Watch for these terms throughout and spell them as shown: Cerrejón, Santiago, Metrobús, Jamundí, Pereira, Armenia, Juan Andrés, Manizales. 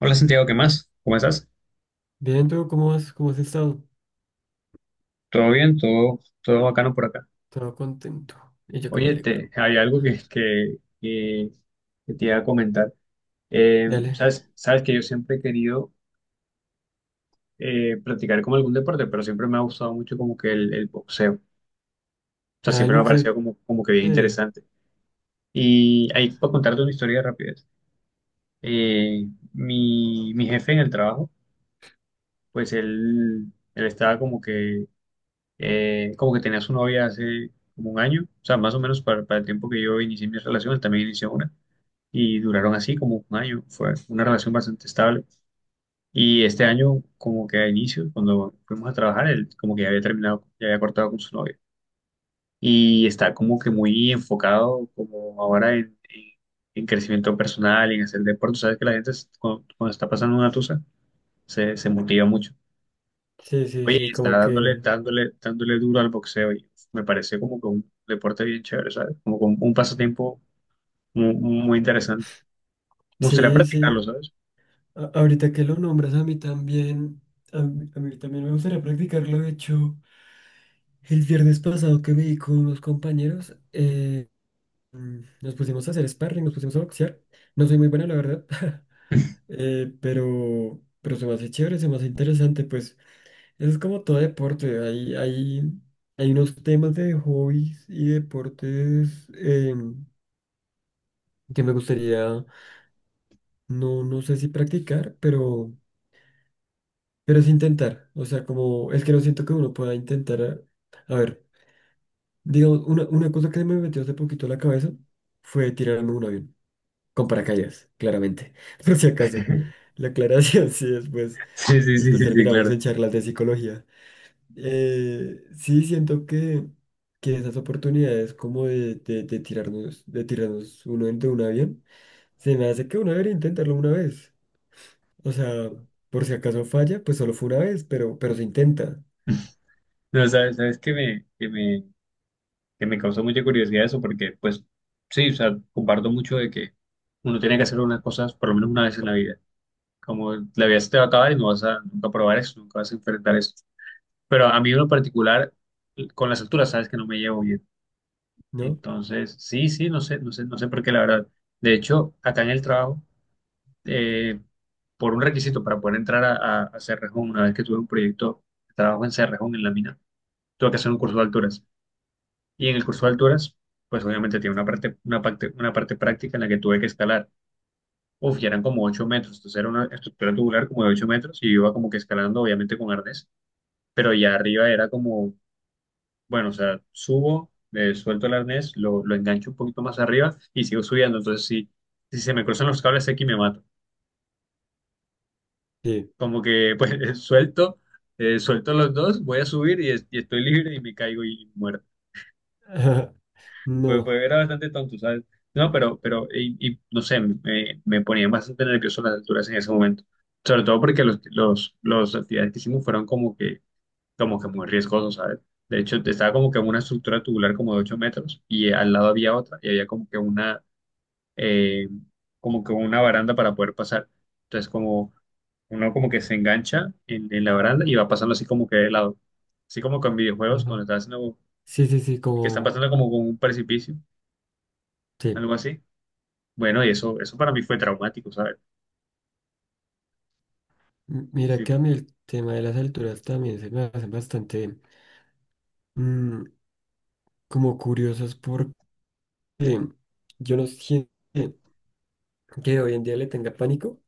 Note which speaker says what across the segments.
Speaker 1: Hola Santiago, ¿qué más? ¿Cómo estás?
Speaker 2: Bien, ¿tú cómo has estado?
Speaker 1: ¿Todo bien? ¿Todo bacano por acá?
Speaker 2: Todo contento. Y yo que me
Speaker 1: Oye,
Speaker 2: alegro.
Speaker 1: hay algo que te iba a comentar. Eh,
Speaker 2: Dale.
Speaker 1: sabes, sabes que yo siempre he querido practicar como algún deporte, pero siempre me ha gustado mucho como que el boxeo. O sea,
Speaker 2: Ah, el
Speaker 1: siempre me ha
Speaker 2: boxeo.
Speaker 1: parecido como que bien
Speaker 2: eh,
Speaker 1: interesante. Y ahí puedo contarte una historia rápida. Eh, mi jefe en el trabajo, pues él estaba como que tenía su novia hace como un año, o sea, más o menos para el tiempo que yo inicié mi relación, él también inició una, y duraron así como un año, fue una relación bastante estable. Y este año, como que a inicio, cuando fuimos a trabajar, él como que ya había terminado, ya había cortado con su novia. Y está como que muy enfocado como ahora en crecimiento personal, en hacer deporte. Sabes que la gente cuando está pasando una tusa, se motiva mucho.
Speaker 2: Sí, sí,
Speaker 1: Oye,
Speaker 2: sí,
Speaker 1: está
Speaker 2: como
Speaker 1: dándole,
Speaker 2: que.
Speaker 1: dándole, dándole duro al boxeo y me parece como que un deporte bien chévere, ¿sabes? Como que un pasatiempo muy, muy interesante. Me gustaría
Speaker 2: Sí,
Speaker 1: practicarlo,
Speaker 2: sí.
Speaker 1: ¿sabes?
Speaker 2: Ahorita que lo nombras a mí también. A mí también me gustaría practicarlo. De hecho, el viernes pasado que me vi con unos compañeros, nos pusimos a hacer sparring, nos pusimos a boxear. No soy muy bueno, la verdad. Pero se me hace chévere, se me hace interesante, pues. Es como todo deporte, hay unos temas de hobbies y deportes que me gustaría, no sé si practicar, pero es intentar. O sea, como es que no siento que uno pueda intentar. A ver, digamos, una cosa que me metió hace poquito a la cabeza fue tirarme de un avión, con paracaídas, claramente, por si acaso. La aclaración, sí, después,
Speaker 1: Sí, sí, sí,
Speaker 2: después
Speaker 1: sí, sí,
Speaker 2: terminamos
Speaker 1: claro.
Speaker 2: en charlas de psicología. Sí, siento que esas oportunidades como de tirarnos uno de un avión, se me hace que uno debería intentarlo una vez. O sea, por si acaso falla, pues solo fue una vez, pero se intenta,
Speaker 1: No, sabes que me causó mucha curiosidad eso, porque pues sí, o sea, comparto mucho de que uno tiene que hacer unas cosas por lo menos una vez en la vida. Como la vida se te va a acabar y no vas a nunca probar eso, nunca vas a enfrentar eso. Pero a mí en lo particular, con las alturas, sabes que no me llevo bien.
Speaker 2: ¿no?
Speaker 1: Entonces, sí, sí, no sé, no sé, no sé por qué, la verdad. De hecho, acá en el trabajo, eh, por un requisito para poder entrar a Cerrejón, una vez que tuve un proyecto de trabajo en Cerrejón, en la mina, tuve que hacer un curso de alturas. Y en el curso de alturas, pues obviamente tiene una parte práctica en la que tuve que escalar. Uf, ya eran como 8 metros, entonces era una estructura tubular como de 8 metros y yo iba como que escalando, obviamente con arnés, pero ya arriba era como, bueno, o sea, subo, suelto el arnés, lo engancho un poquito más arriba y sigo subiendo. Entonces, si se me cruzan los cables aquí, me mato.
Speaker 2: Sí.
Speaker 1: Como que, pues, suelto, suelto los dos, voy a subir y estoy libre y me caigo y muerto.
Speaker 2: Ajá.
Speaker 1: Pues,
Speaker 2: No.
Speaker 1: era bastante tonto, ¿sabes? No, pero, y, no sé, me ponía bastante nervioso las alturas en ese momento. Sobre todo porque los actividades que hicimos fueron como que muy riesgoso, ¿sabes? De hecho, estaba como que en una estructura tubular como de 8 metros y al lado había otra y había como que eh, una baranda para poder pasar. Entonces, como uno como que se engancha en la baranda y va pasando así como que de lado. Así como con videojuegos, cuando
Speaker 2: Ajá.
Speaker 1: estás haciendo,
Speaker 2: Sí, sí, sí,
Speaker 1: que están
Speaker 2: como...
Speaker 1: pasando como con un precipicio,
Speaker 2: Sí.
Speaker 1: algo así. Bueno, y eso para mí fue traumático, ¿sabes?
Speaker 2: Mira
Speaker 1: Sí,
Speaker 2: que a mí el tema de las alturas también se me hacen bastante mm, como curiosos porque yo no siento que hoy en día le tenga pánico.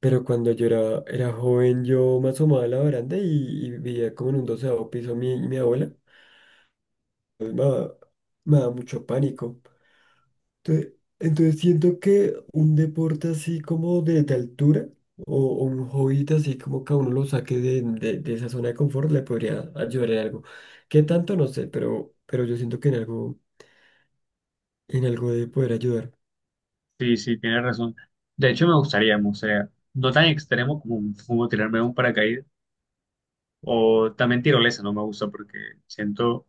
Speaker 2: Pero cuando yo era joven, yo me asomaba a la baranda y veía como en un doceavo piso mi abuela. Entonces me daba, me daba mucho pánico. Entonces, entonces siento que un deporte así como de altura o un hobby así como que a uno lo saque de esa zona de confort le podría ayudar en algo. ¿Qué tanto? No sé, pero yo siento que en algo de poder ayudar.
Speaker 1: sí, sí, tienes razón. De hecho, me gustaría, o sea, no tan extremo como tirarme de un paracaídas. O también tirolesa no me gusta porque siento,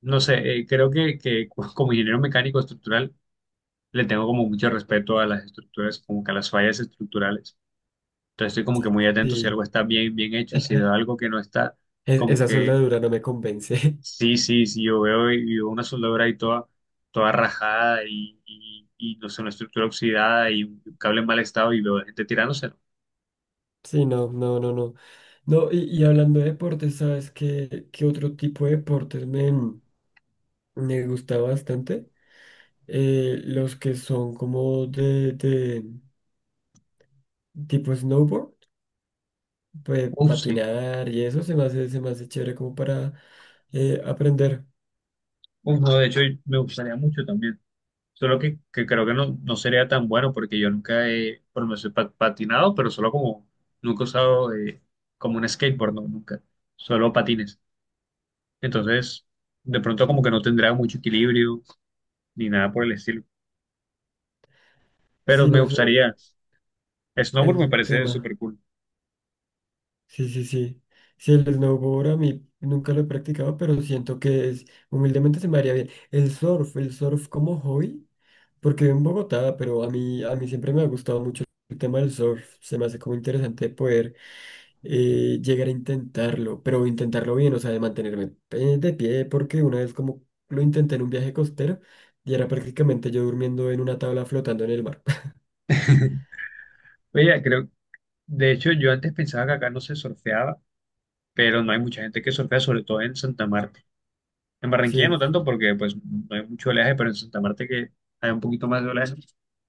Speaker 1: no sé, creo que como ingeniero mecánico estructural le tengo como mucho respeto a las estructuras, como que a las fallas estructurales. Entonces estoy como que muy atento si
Speaker 2: Sí,
Speaker 1: algo está bien, bien hecho y si veo algo que no está, como
Speaker 2: Esa
Speaker 1: que
Speaker 2: soldadura no me convence.
Speaker 1: sí, sí, sí, y veo una soldadura ahí toda, toda rajada y, no sé, una estructura oxidada y un cable en mal estado y veo gente tirándose.
Speaker 2: Sí, no, no, no, no. No, y hablando de deportes, ¿sabes qué, qué otro tipo de deportes me, me gusta bastante? Los que son como de tipo snowboard, pues
Speaker 1: Uf, sí.
Speaker 2: patinar y eso se me hace chévere como para aprender.
Speaker 1: Uf, no, de hecho me gustaría mucho también. Solo que creo que no, no sería tan bueno porque yo nunca he, bueno no sé, patinado, pero solo como, nunca he usado como un skateboard, no, nunca. Solo patines. Entonces, de pronto como que no tendrá mucho equilibrio ni nada por el estilo. Pero
Speaker 2: Sí,
Speaker 1: me
Speaker 2: no, eso,
Speaker 1: gustaría, snowboard
Speaker 2: es
Speaker 1: me
Speaker 2: un
Speaker 1: parece
Speaker 2: tema.
Speaker 1: súper cool.
Speaker 2: Sí, sí, sí. Sí, el snowboard a mí nunca lo he practicado, pero siento que es, humildemente se me haría bien. El surf como hobby. Porque vivo en Bogotá, pero a mí siempre me ha gustado mucho el tema del surf. Se me hace como interesante poder llegar a intentarlo, pero intentarlo bien, o sea, de mantenerme de pie, porque una vez como lo intenté en un viaje costero y era prácticamente yo durmiendo en una tabla flotando en el mar.
Speaker 1: Oye, creo, de hecho yo antes pensaba que acá no se surfeaba, pero no hay mucha gente que surfea, sobre todo en Santa Marta. En Barranquilla
Speaker 2: Sí,
Speaker 1: no tanto porque pues no hay mucho oleaje, pero en Santa Marta que hay un poquito más de oleaje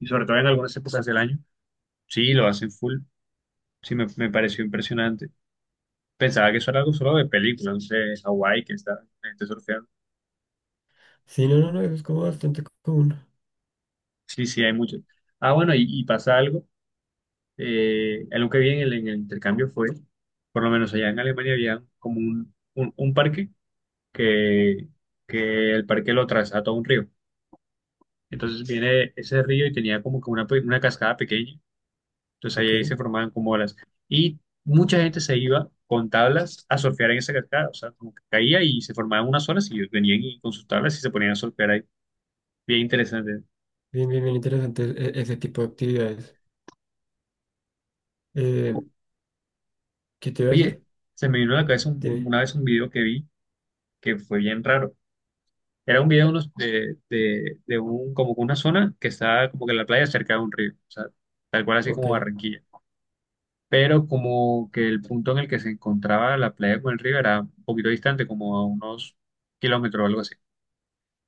Speaker 1: y sobre todo en algunas épocas del año, sí, lo hacen full. Sí, me pareció impresionante. Pensaba que eso era algo solo de película, no sé, Hawái que está la gente surfeando.
Speaker 2: sí, no, no, no, eso es como bastante común.
Speaker 1: Sí, sí, hay mucho. Ah, bueno, y pasa algo. Algo que vi en el intercambio fue, por lo menos allá en Alemania había como un parque que, que el parque lo trazaba todo un río. Entonces viene ese río y tenía como que una cascada pequeña. Entonces ahí,
Speaker 2: Ok,
Speaker 1: ahí se formaban como olas. Y mucha gente se iba con tablas a surfear en esa cascada. O sea, como que caía y se formaban unas olas y ellos venían y con sus tablas y se ponían a surfear ahí. Bien interesante.
Speaker 2: bien, bien, bien interesante ese tipo de actividades. Eh,
Speaker 1: O-
Speaker 2: ¿Qué te iba a
Speaker 1: Oye,
Speaker 2: decir?
Speaker 1: se me vino a la cabeza un-
Speaker 2: Tiene,
Speaker 1: una vez un video que vi que fue bien raro. Era un video de, unos- de un, como que una zona que estaba como que en la playa cerca de un río. O sea, tal cual así
Speaker 2: ok.
Speaker 1: como Barranquilla. Pero como que el punto en el que se encontraba la playa con el río era un poquito distante, como a unos kilómetros o algo así.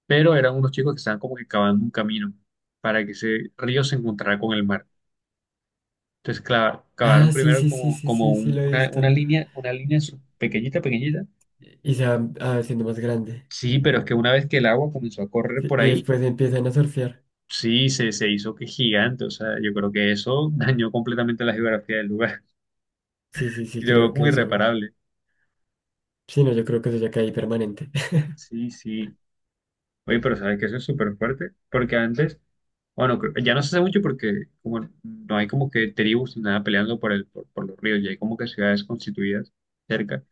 Speaker 1: Pero eran unos chicos que estaban como que cavando un camino para que ese río se encontrara con el mar. Entonces cavaron
Speaker 2: Ah, sí,
Speaker 1: primero
Speaker 2: sí, sí,
Speaker 1: como,
Speaker 2: sí,
Speaker 1: como
Speaker 2: sí, sí,
Speaker 1: un-
Speaker 2: lo he
Speaker 1: una, una
Speaker 2: visto.
Speaker 1: línea, una línea su- pequeñita, pequeñita.
Speaker 2: Y se va ah, haciendo más grande.
Speaker 1: Sí, pero es que una vez que el agua comenzó a correr
Speaker 2: Sí,
Speaker 1: por
Speaker 2: y
Speaker 1: ahí,
Speaker 2: después empiezan a surfear.
Speaker 1: sí, se hizo que gigante. O sea, yo creo que eso dañó completamente la geografía del lugar.
Speaker 2: Sí, sí, sí,
Speaker 1: Y
Speaker 2: creo
Speaker 1: luego como
Speaker 2: que eso.
Speaker 1: irreparable.
Speaker 2: Sí, no, yo creo que eso ya cae permanente.
Speaker 1: Sí, sí. Oye, pero ¿sabes que eso es súper fuerte? Porque antes. Bueno, ya no se hace mucho porque como no hay como que tribus ni nada peleando por los ríos, ya hay como que ciudades constituidas cerca.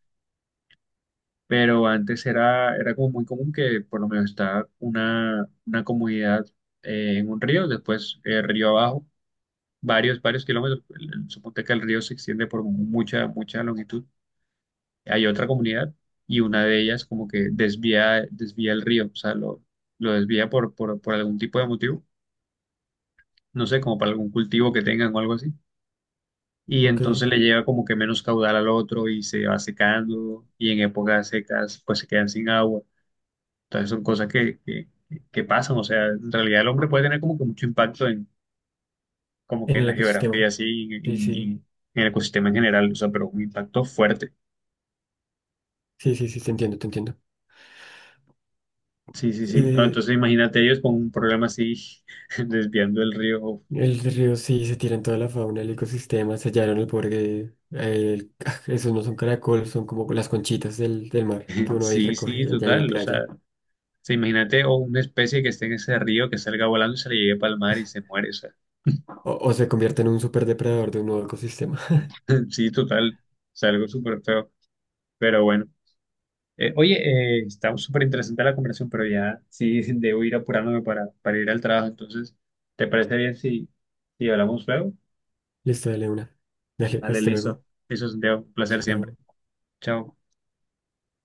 Speaker 1: Pero antes era como muy común que por lo menos estaba una comunidad en un río, después río abajo, varios kilómetros. Suponte que el río se extiende por mucha, mucha longitud. Hay otra comunidad y una de ellas como que desvía el río, o sea, lo desvía por algún tipo de motivo, no sé, como para algún cultivo que tengan o algo así y
Speaker 2: Ok,
Speaker 1: entonces
Speaker 2: en
Speaker 1: le llega como que menos caudal al otro y se va secando y en épocas secas pues se quedan sin agua. Entonces son cosas que pasan, o sea, en realidad el hombre puede tener como que mucho impacto en como que en
Speaker 2: el
Speaker 1: la geografía
Speaker 2: ecosistema.
Speaker 1: así, en,
Speaker 2: Sí,
Speaker 1: en-
Speaker 2: sí,
Speaker 1: en- en el ecosistema en general, o sea, pero un impacto fuerte.
Speaker 2: sí, sí, sí, te entiendo, te entiendo.
Speaker 1: Sí, sí, sí. No,
Speaker 2: Eh,
Speaker 1: entonces imagínate ellos con un problema así desviando el río.
Speaker 2: el río sí se tira en toda la fauna, el ecosistema, sellaron el borde. Esos no son caracoles, son como las conchitas del mar que uno ahí
Speaker 1: Sí,
Speaker 2: recoge
Speaker 1: sí,
Speaker 2: allá en la
Speaker 1: total, o sea,
Speaker 2: playa.
Speaker 1: sí, imagínate o una especie que esté en ese río que salga volando y se le llegue para el mar y se muere, o sea,
Speaker 2: O se convierte en un superdepredador de un nuevo ecosistema.
Speaker 1: sí, total. O algo súper feo. Pero bueno, oye, está súper interesante la conversación, pero ya sí debo ir apurándome para, ir al trabajo. Entonces, ¿te parece bien si hablamos luego?
Speaker 2: Listo, dale una. Dale,
Speaker 1: Dale,
Speaker 2: hasta
Speaker 1: listo.
Speaker 2: luego.
Speaker 1: Eso es un placer siempre.
Speaker 2: Chao.
Speaker 1: Chao.